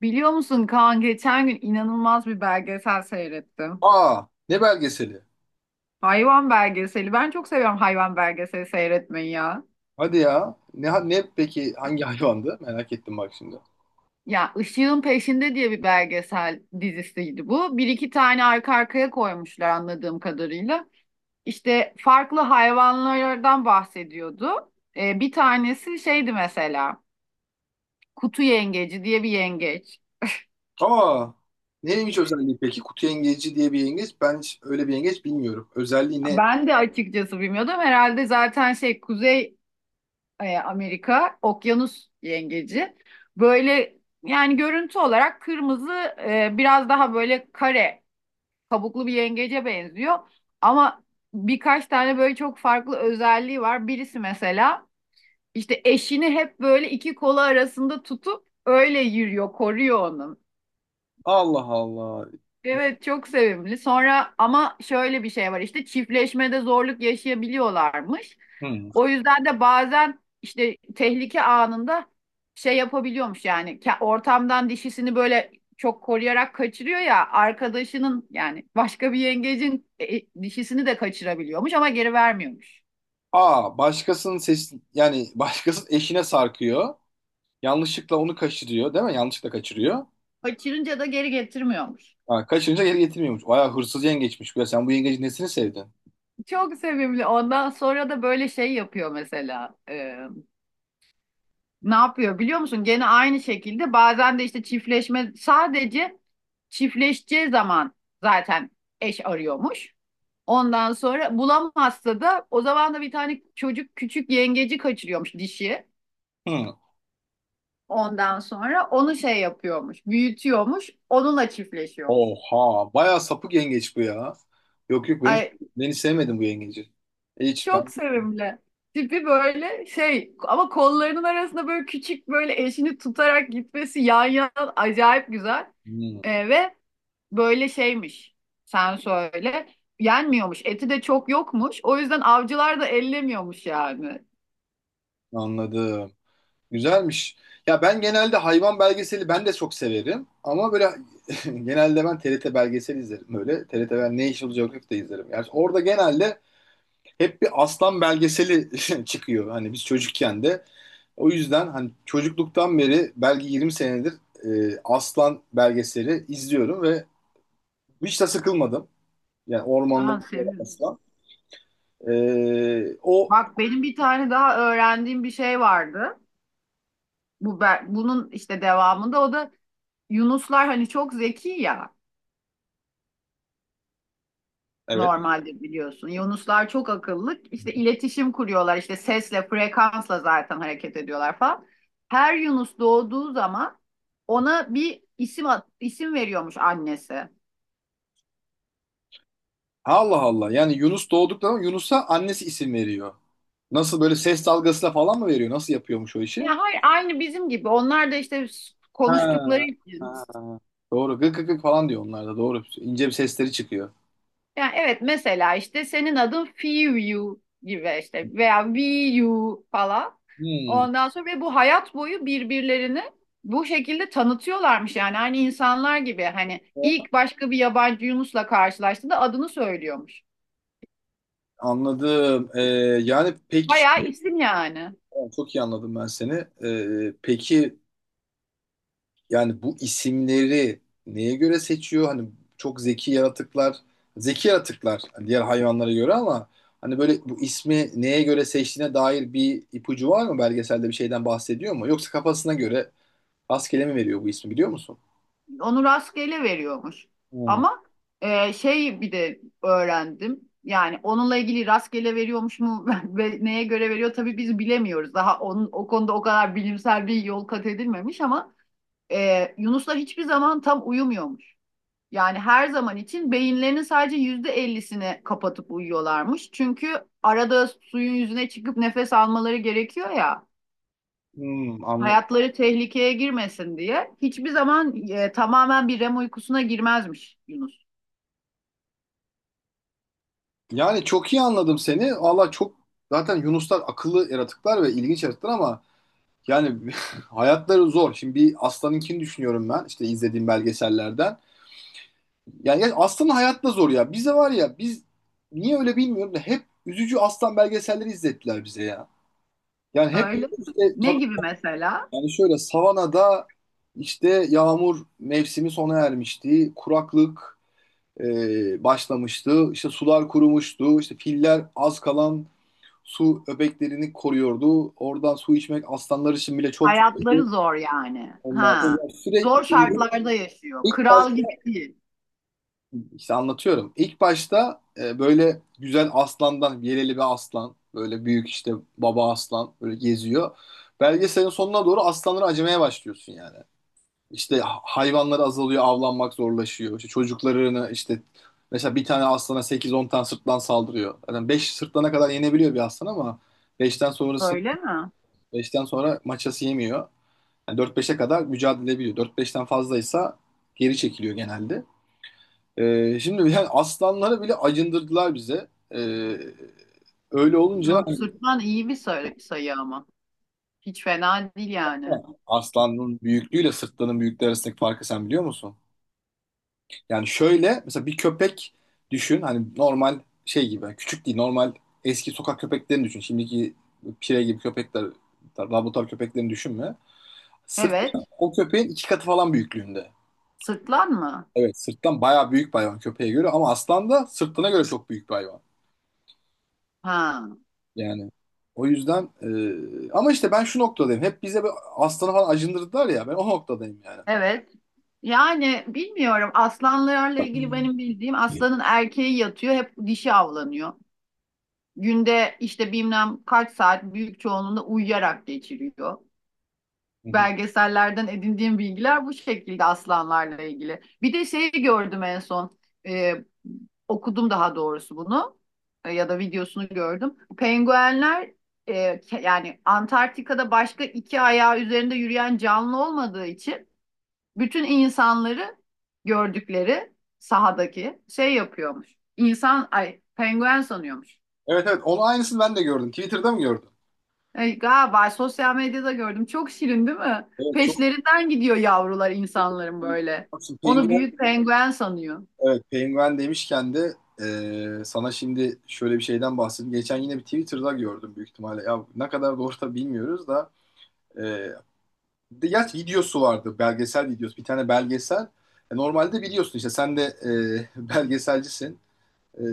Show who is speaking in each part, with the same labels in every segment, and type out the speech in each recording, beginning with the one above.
Speaker 1: Biliyor musun Kaan geçen gün inanılmaz bir belgesel seyrettim.
Speaker 2: Aa, ne belgeseli?
Speaker 1: Hayvan belgeseli. Ben çok seviyorum hayvan belgeseli seyretmeyi ya.
Speaker 2: Hadi ya. Ne peki hangi hayvandı? Merak ettim bak şimdi.
Speaker 1: Ya Işığın Peşinde diye bir belgesel dizisiydi bu. Bir iki tane arka arkaya koymuşlar anladığım kadarıyla. İşte farklı hayvanlardan bahsediyordu. Bir tanesi şeydi mesela kutu yengeci diye bir yengeç.
Speaker 2: Aa, neymiş özelliği peki? Kutu yengeci diye bir yengeç. Ben hiç öyle bir yengeç bilmiyorum. Özelliği ne?
Speaker 1: Ben de açıkçası bilmiyordum. Herhalde zaten şey Kuzey Amerika, okyanus yengeci. Böyle yani görüntü olarak kırmızı biraz daha böyle kare kabuklu bir yengece benziyor. Ama birkaç tane böyle çok farklı özelliği var. Birisi mesela işte eşini hep böyle iki kolu arasında tutup öyle yürüyor, koruyor onu.
Speaker 2: Allah Allah.
Speaker 1: Evet, çok sevimli. Sonra ama şöyle bir şey var, işte çiftleşmede zorluk yaşayabiliyorlarmış.
Speaker 2: Hmm.
Speaker 1: O yüzden de bazen işte tehlike anında şey yapabiliyormuş yani ortamdan dişisini böyle çok koruyarak kaçırıyor ya arkadaşının yani başka bir yengecin dişisini de kaçırabiliyormuş ama geri vermiyormuş.
Speaker 2: Aa, başkasının ses yani başkasının eşine sarkıyor. Yanlışlıkla onu kaçırıyor, değil mi? Yanlışlıkla kaçırıyor.
Speaker 1: Kaçırınca da geri getirmiyormuş.
Speaker 2: Ha, kaçırınca geri getirmiyormuş. Bayağı hırsız yengeçmiş. Ya sen bu yengecin nesini sevdin?
Speaker 1: Çok sevimli. Ondan sonra da böyle şey yapıyor mesela. Ne yapıyor biliyor musun? Gene aynı şekilde bazen de işte çiftleşme sadece çiftleşeceği zaman zaten eş arıyormuş. Ondan sonra bulamazsa da o zaman da bir tane çocuk küçük yengeci kaçırıyormuş dişi.
Speaker 2: Hmm.
Speaker 1: Ondan sonra onu şey yapıyormuş, büyütüyormuş, onunla çiftleşiyormuş.
Speaker 2: Oha, bayağı sapık yengeç bu ya. Yok yok, beni
Speaker 1: Ay,
Speaker 2: beni sevmedim bu yengeci. Hiç
Speaker 1: çok
Speaker 2: ben.
Speaker 1: sevimli. Tipi böyle şey ama kollarının arasında böyle küçük böyle eşini tutarak gitmesi yan yana acayip güzel.
Speaker 2: Hmm,
Speaker 1: Ve böyle şeymiş. Sen söyle. Yenmiyormuş. Eti de çok yokmuş. O yüzden avcılar da ellemiyormuş yani.
Speaker 2: anladım. Güzelmiş. Ya ben genelde hayvan belgeseli ben de çok severim ama böyle genelde ben TRT belgeseli izlerim böyle. TRT ben National Geographic de izlerim. Yani orada genelde hep bir aslan belgeseli çıkıyor. Hani biz çocukken de o yüzden hani çocukluktan beri belki 20 senedir aslan belgeseli izliyorum ve hiç de sıkılmadım. Yani ormanda
Speaker 1: Aa,
Speaker 2: yaşayan
Speaker 1: seviyorsun.
Speaker 2: aslan. O
Speaker 1: Bak benim bir tane daha öğrendiğim bir şey vardı. Bu bunun işte devamında o da Yunuslar hani çok zeki ya,
Speaker 2: evet.
Speaker 1: normalde biliyorsun. Yunuslar çok akıllı. İşte iletişim kuruyorlar. İşte sesle, frekansla zaten hareket ediyorlar falan. Her Yunus doğduğu zaman ona bir isim isim veriyormuş annesi.
Speaker 2: Allah Allah. Yani Yunus doğduktan sonra Yunus'a annesi isim veriyor. Nasıl böyle ses dalgasıyla falan mı veriyor? Nasıl yapıyormuş o işi?
Speaker 1: Ya hayır, aynı bizim gibi. Onlar da işte konuştukları
Speaker 2: Ha,
Speaker 1: için.
Speaker 2: ha. Doğru. Gık gık gık falan diyor onlar da. Doğru. İnce bir sesleri çıkıyor.
Speaker 1: Yani evet, mesela işte senin adın Fiyu gibi, işte veya Viyu falan.
Speaker 2: Hmm.
Speaker 1: Ondan sonra ve bu hayat boyu birbirlerini bu şekilde tanıtıyorlarmış yani aynı insanlar gibi, hani ilk başka bir yabancı Yunus'la karşılaştığında adını söylüyormuş.
Speaker 2: Anladım. Yani peki
Speaker 1: Bayağı isim yani.
Speaker 2: çok iyi anladım ben seni. Peki, yani bu isimleri neye göre seçiyor? Hani çok zeki yaratıklar, zeki yaratıklar hani diğer hayvanlara göre ama hani böyle bu ismi neye göre seçtiğine dair bir ipucu var mı? Belgeselde bir şeyden bahsediyor mu? Yoksa kafasına göre rastgele mi veriyor bu ismi biliyor musun?
Speaker 1: Onu rastgele veriyormuş.
Speaker 2: Hmm.
Speaker 1: Ama şey, bir de öğrendim. Yani onunla ilgili rastgele veriyormuş mu ve neye göre veriyor tabii biz bilemiyoruz. Daha onun o konuda o kadar bilimsel bir yol kat edilmemiş ama yunuslar hiçbir zaman tam uyumuyormuş. Yani her zaman için beyinlerinin sadece %50'sini kapatıp uyuyorlarmış. Çünkü arada suyun yüzüne çıkıp nefes almaları gerekiyor ya,
Speaker 2: Hmm, anladım.
Speaker 1: hayatları tehlikeye girmesin diye hiçbir zaman tamamen bir REM uykusuna girmezmiş Yunus.
Speaker 2: Yani çok iyi anladım seni. Valla çok zaten Yunuslar akıllı yaratıklar ve ilginç yaratıklar ama yani hayatları zor. Şimdi bir aslanınkini düşünüyorum ben işte izlediğim belgesellerden. Yani ya aslan hayat da zor ya. Bize var ya biz niye öyle bilmiyorum da hep üzücü aslan belgeselleri izlettiler bize ya. Yani hep
Speaker 1: Öyle mi?
Speaker 2: işte
Speaker 1: Ne
Speaker 2: tabii
Speaker 1: gibi mesela?
Speaker 2: yani şöyle savanada işte yağmur mevsimi sona ermişti. Kuraklık başlamıştı. İşte sular kurumuştu. İşte filler az kalan su öbeklerini koruyordu. Oradan su içmek aslanlar için bile çok
Speaker 1: Hayatları
Speaker 2: zordu.
Speaker 1: zor yani.
Speaker 2: Onlar
Speaker 1: Ha.
Speaker 2: da
Speaker 1: Zor
Speaker 2: sürekli böyle.
Speaker 1: şartlarda yaşıyor.
Speaker 2: ilk
Speaker 1: Kral
Speaker 2: baş-
Speaker 1: gibi değil.
Speaker 2: İşte anlatıyorum. İlk başta böyle güzel aslandan, yeleli bir aslan, böyle büyük işte baba aslan böyle geziyor. Belgeselin sonuna doğru aslanları acımaya başlıyorsun yani. İşte hayvanlar azalıyor, avlanmak zorlaşıyor. İşte çocuklarını işte mesela bir tane aslana 8-10 tane sırtlan saldırıyor. Yani 5 sırtlana kadar yenebiliyor bir aslan ama beşten sonrası
Speaker 1: Öyle mi?
Speaker 2: beşten sonra maçası yemiyor. Yani 4-5'e kadar mücadele ediyor. 4-5'ten fazlaysa geri çekiliyor genelde. Şimdi yani aslanları bile acındırdılar bize. Ee, öyle olunca
Speaker 1: Dört sırtlan iyi bir sayı, sayı ama. Hiç fena değil yani.
Speaker 2: aslanın büyüklüğüyle sırtlanın büyüklüğü arasındaki farkı sen biliyor musun? Yani şöyle mesela bir köpek düşün hani normal şey gibi yani küçük değil normal eski sokak köpeklerini düşün. Şimdiki pire gibi köpekler laboratuvar köpeklerini düşünme. Sırt
Speaker 1: Evet.
Speaker 2: o köpeğin iki katı falan büyüklüğünde.
Speaker 1: Sırtlan mı?
Speaker 2: Evet sırttan bayağı büyük bir hayvan köpeğe göre ama aslan da sırtına göre çok büyük bir hayvan.
Speaker 1: Ha.
Speaker 2: Yani o yüzden ama işte ben şu noktadayım. Hep bize bir aslanı falan acındırdılar ya. Ben o noktadayım yani.
Speaker 1: Evet. Yani bilmiyorum. Aslanlarla ilgili benim bildiğim, aslanın erkeği yatıyor hep, dişi avlanıyor. Günde işte bilmem kaç saat büyük çoğunluğunda uyuyarak geçiriyor.
Speaker 2: Hı hı.
Speaker 1: Belgesellerden edindiğim bilgiler bu şekilde aslanlarla ilgili. Bir de şeyi gördüm en son. Ee, okudum daha doğrusu bunu. Ya da videosunu gördüm. Penguenler e, yani Antarktika'da başka iki ayağı üzerinde yürüyen canlı olmadığı için bütün insanları gördükleri sahadaki şey yapıyormuş. İnsan, ay penguen sanıyormuş.
Speaker 2: Evet evet, onun aynısını ben de gördüm. Twitter'da mı gördün?
Speaker 1: Ay, galiba sosyal medyada gördüm. Çok şirin değil mi?
Speaker 2: Evet çok.
Speaker 1: Peşlerinden gidiyor yavrular insanların, böyle.
Speaker 2: Baksın,
Speaker 1: Onu
Speaker 2: penguen,
Speaker 1: büyük penguen sanıyor.
Speaker 2: evet penguen demişken de sana şimdi şöyle bir şeyden bahsedeyim. Geçen yine bir Twitter'da gördüm büyük ihtimalle. Ya ne kadar doğru da bilmiyoruz da e, gerçi videosu vardı. Belgesel videosu. Bir tane belgesel. Normalde biliyorsun işte sen de belgeselcisin. E,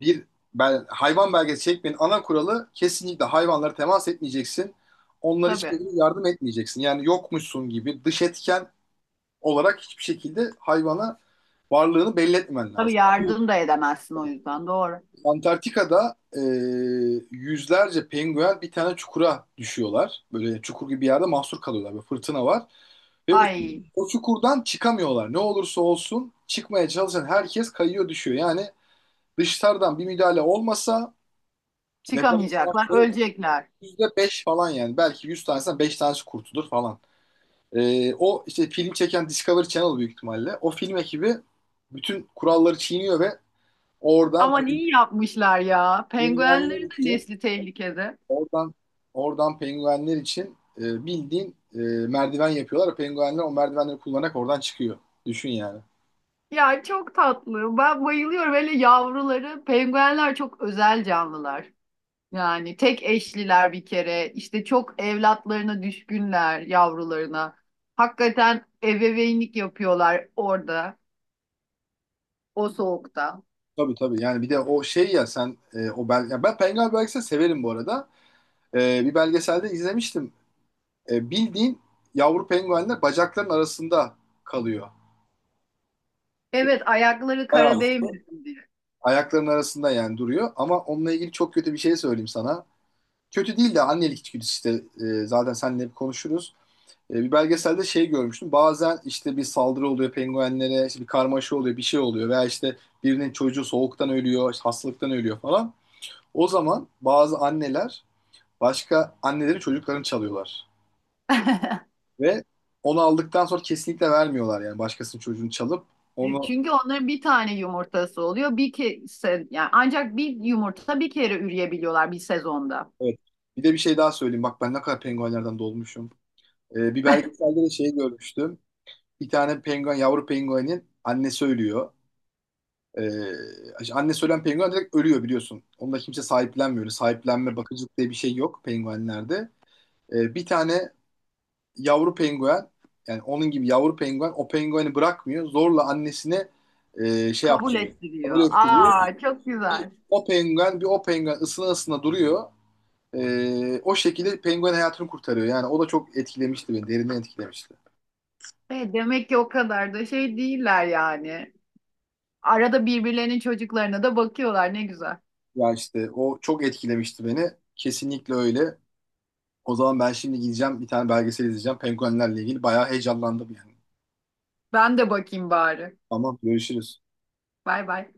Speaker 2: bir hayvan belgesi çekmenin ana kuralı kesinlikle hayvanlara temas etmeyeceksin. Onlara hiçbir
Speaker 1: Tabii.
Speaker 2: şekilde yardım etmeyeceksin. Yani yokmuşsun gibi dış etken olarak hiçbir şekilde hayvana varlığını belli etmemen
Speaker 1: Tabii
Speaker 2: lazım.
Speaker 1: yardım da edemezsin o yüzden. Doğru.
Speaker 2: Antarktika'da yüzlerce penguen bir tane çukura düşüyorlar. Böyle çukur gibi bir yerde mahsur kalıyorlar. Böyle fırtına var. Ve o,
Speaker 1: Ay,
Speaker 2: o çukurdan çıkamıyorlar. Ne olursa olsun çıkmaya çalışan herkes kayıyor düşüyor. Yani dışarıdan bir müdahale olmasa yaşam
Speaker 1: çıkamayacaklar,
Speaker 2: şansı
Speaker 1: ölecekler.
Speaker 2: %5 falan yani. Belki 100 tanesinden 5 tanesi kurtulur falan. O işte film çeken Discovery Channel büyük ihtimalle. O film ekibi bütün kuralları çiğniyor ve oradan
Speaker 1: Aman, iyi yapmışlar ya. Penguenlerin
Speaker 2: penguenler
Speaker 1: de
Speaker 2: için
Speaker 1: nesli tehlikede.
Speaker 2: oradan oradan penguenler için bildiğin merdiven yapıyorlar. Penguenler o merdivenleri kullanarak oradan çıkıyor. Düşün yani.
Speaker 1: Ya çok tatlı. Ben bayılıyorum. Hele yavruları. Penguenler çok özel canlılar. Yani tek eşliler bir kere, işte çok evlatlarına düşkünler, yavrularına. Hakikaten ebeveynlik yapıyorlar orada, o soğukta.
Speaker 2: Tabii tabii yani bir de o şey ya sen e, o bel ya ben penguen belgeseli severim bu arada. Bir belgeselde izlemiştim. Bildiğin yavru penguenler bacakların arasında kalıyor.
Speaker 1: Evet, ayakları kara
Speaker 2: Bayağı
Speaker 1: değmesin diye.
Speaker 2: ayaklarının arasında yani duruyor. Ama onunla ilgili çok kötü bir şey söyleyeyim sana. Kötü değil de annelik içgüdüsü işte. Zaten seninle hep konuşuruz. Bir belgeselde şey görmüştüm. Bazen işte bir saldırı oluyor penguenlere, işte bir karmaşa oluyor, bir şey oluyor. Veya işte birinin çocuğu soğuktan ölüyor, işte hastalıktan ölüyor falan. O zaman bazı anneler başka annelerin çocuklarını çalıyorlar. Ve onu aldıktan sonra kesinlikle vermiyorlar yani başkasının çocuğunu çalıp onu...
Speaker 1: Çünkü onların bir tane yumurtası oluyor. Bir kese, yani ancak bir yumurta bir kere üreyebiliyorlar bir sezonda.
Speaker 2: Evet. Bir de bir şey daha söyleyeyim. Bak ben ne kadar penguenlerden dolmuşum. Bir belgeselde de şey görmüştüm. Bir tane penguen, yavru penguenin annesi ölüyor. Annesi ölen penguen direkt ölüyor biliyorsun. Onda kimse sahiplenmiyor. Öyle sahiplenme, bakıcılık diye bir şey yok penguenlerde. Bir tane yavru penguen, yani onun gibi yavru penguen o pengueni bırakmıyor. Zorla annesine şey
Speaker 1: Kabul
Speaker 2: yaptırıyor. Kabul
Speaker 1: ettiriyor.
Speaker 2: ettiriyor.
Speaker 1: Aa, çok
Speaker 2: Bir
Speaker 1: güzel.
Speaker 2: o penguen, bir o penguen ısına ısına duruyor. O şekilde penguen hayatını kurtarıyor. Yani o da çok etkilemişti beni, derinden etkilemişti.
Speaker 1: Demek ki o kadar da şey değiller yani. Arada birbirlerinin çocuklarına da bakıyorlar. Ne güzel.
Speaker 2: Ya işte o çok etkilemişti beni. Kesinlikle öyle. O zaman ben şimdi gideceğim bir tane belgesel izleyeceğim. Penguenlerle ilgili bayağı heyecanlandım yani.
Speaker 1: Ben de bakayım bari.
Speaker 2: Tamam, görüşürüz.
Speaker 1: Bay bay.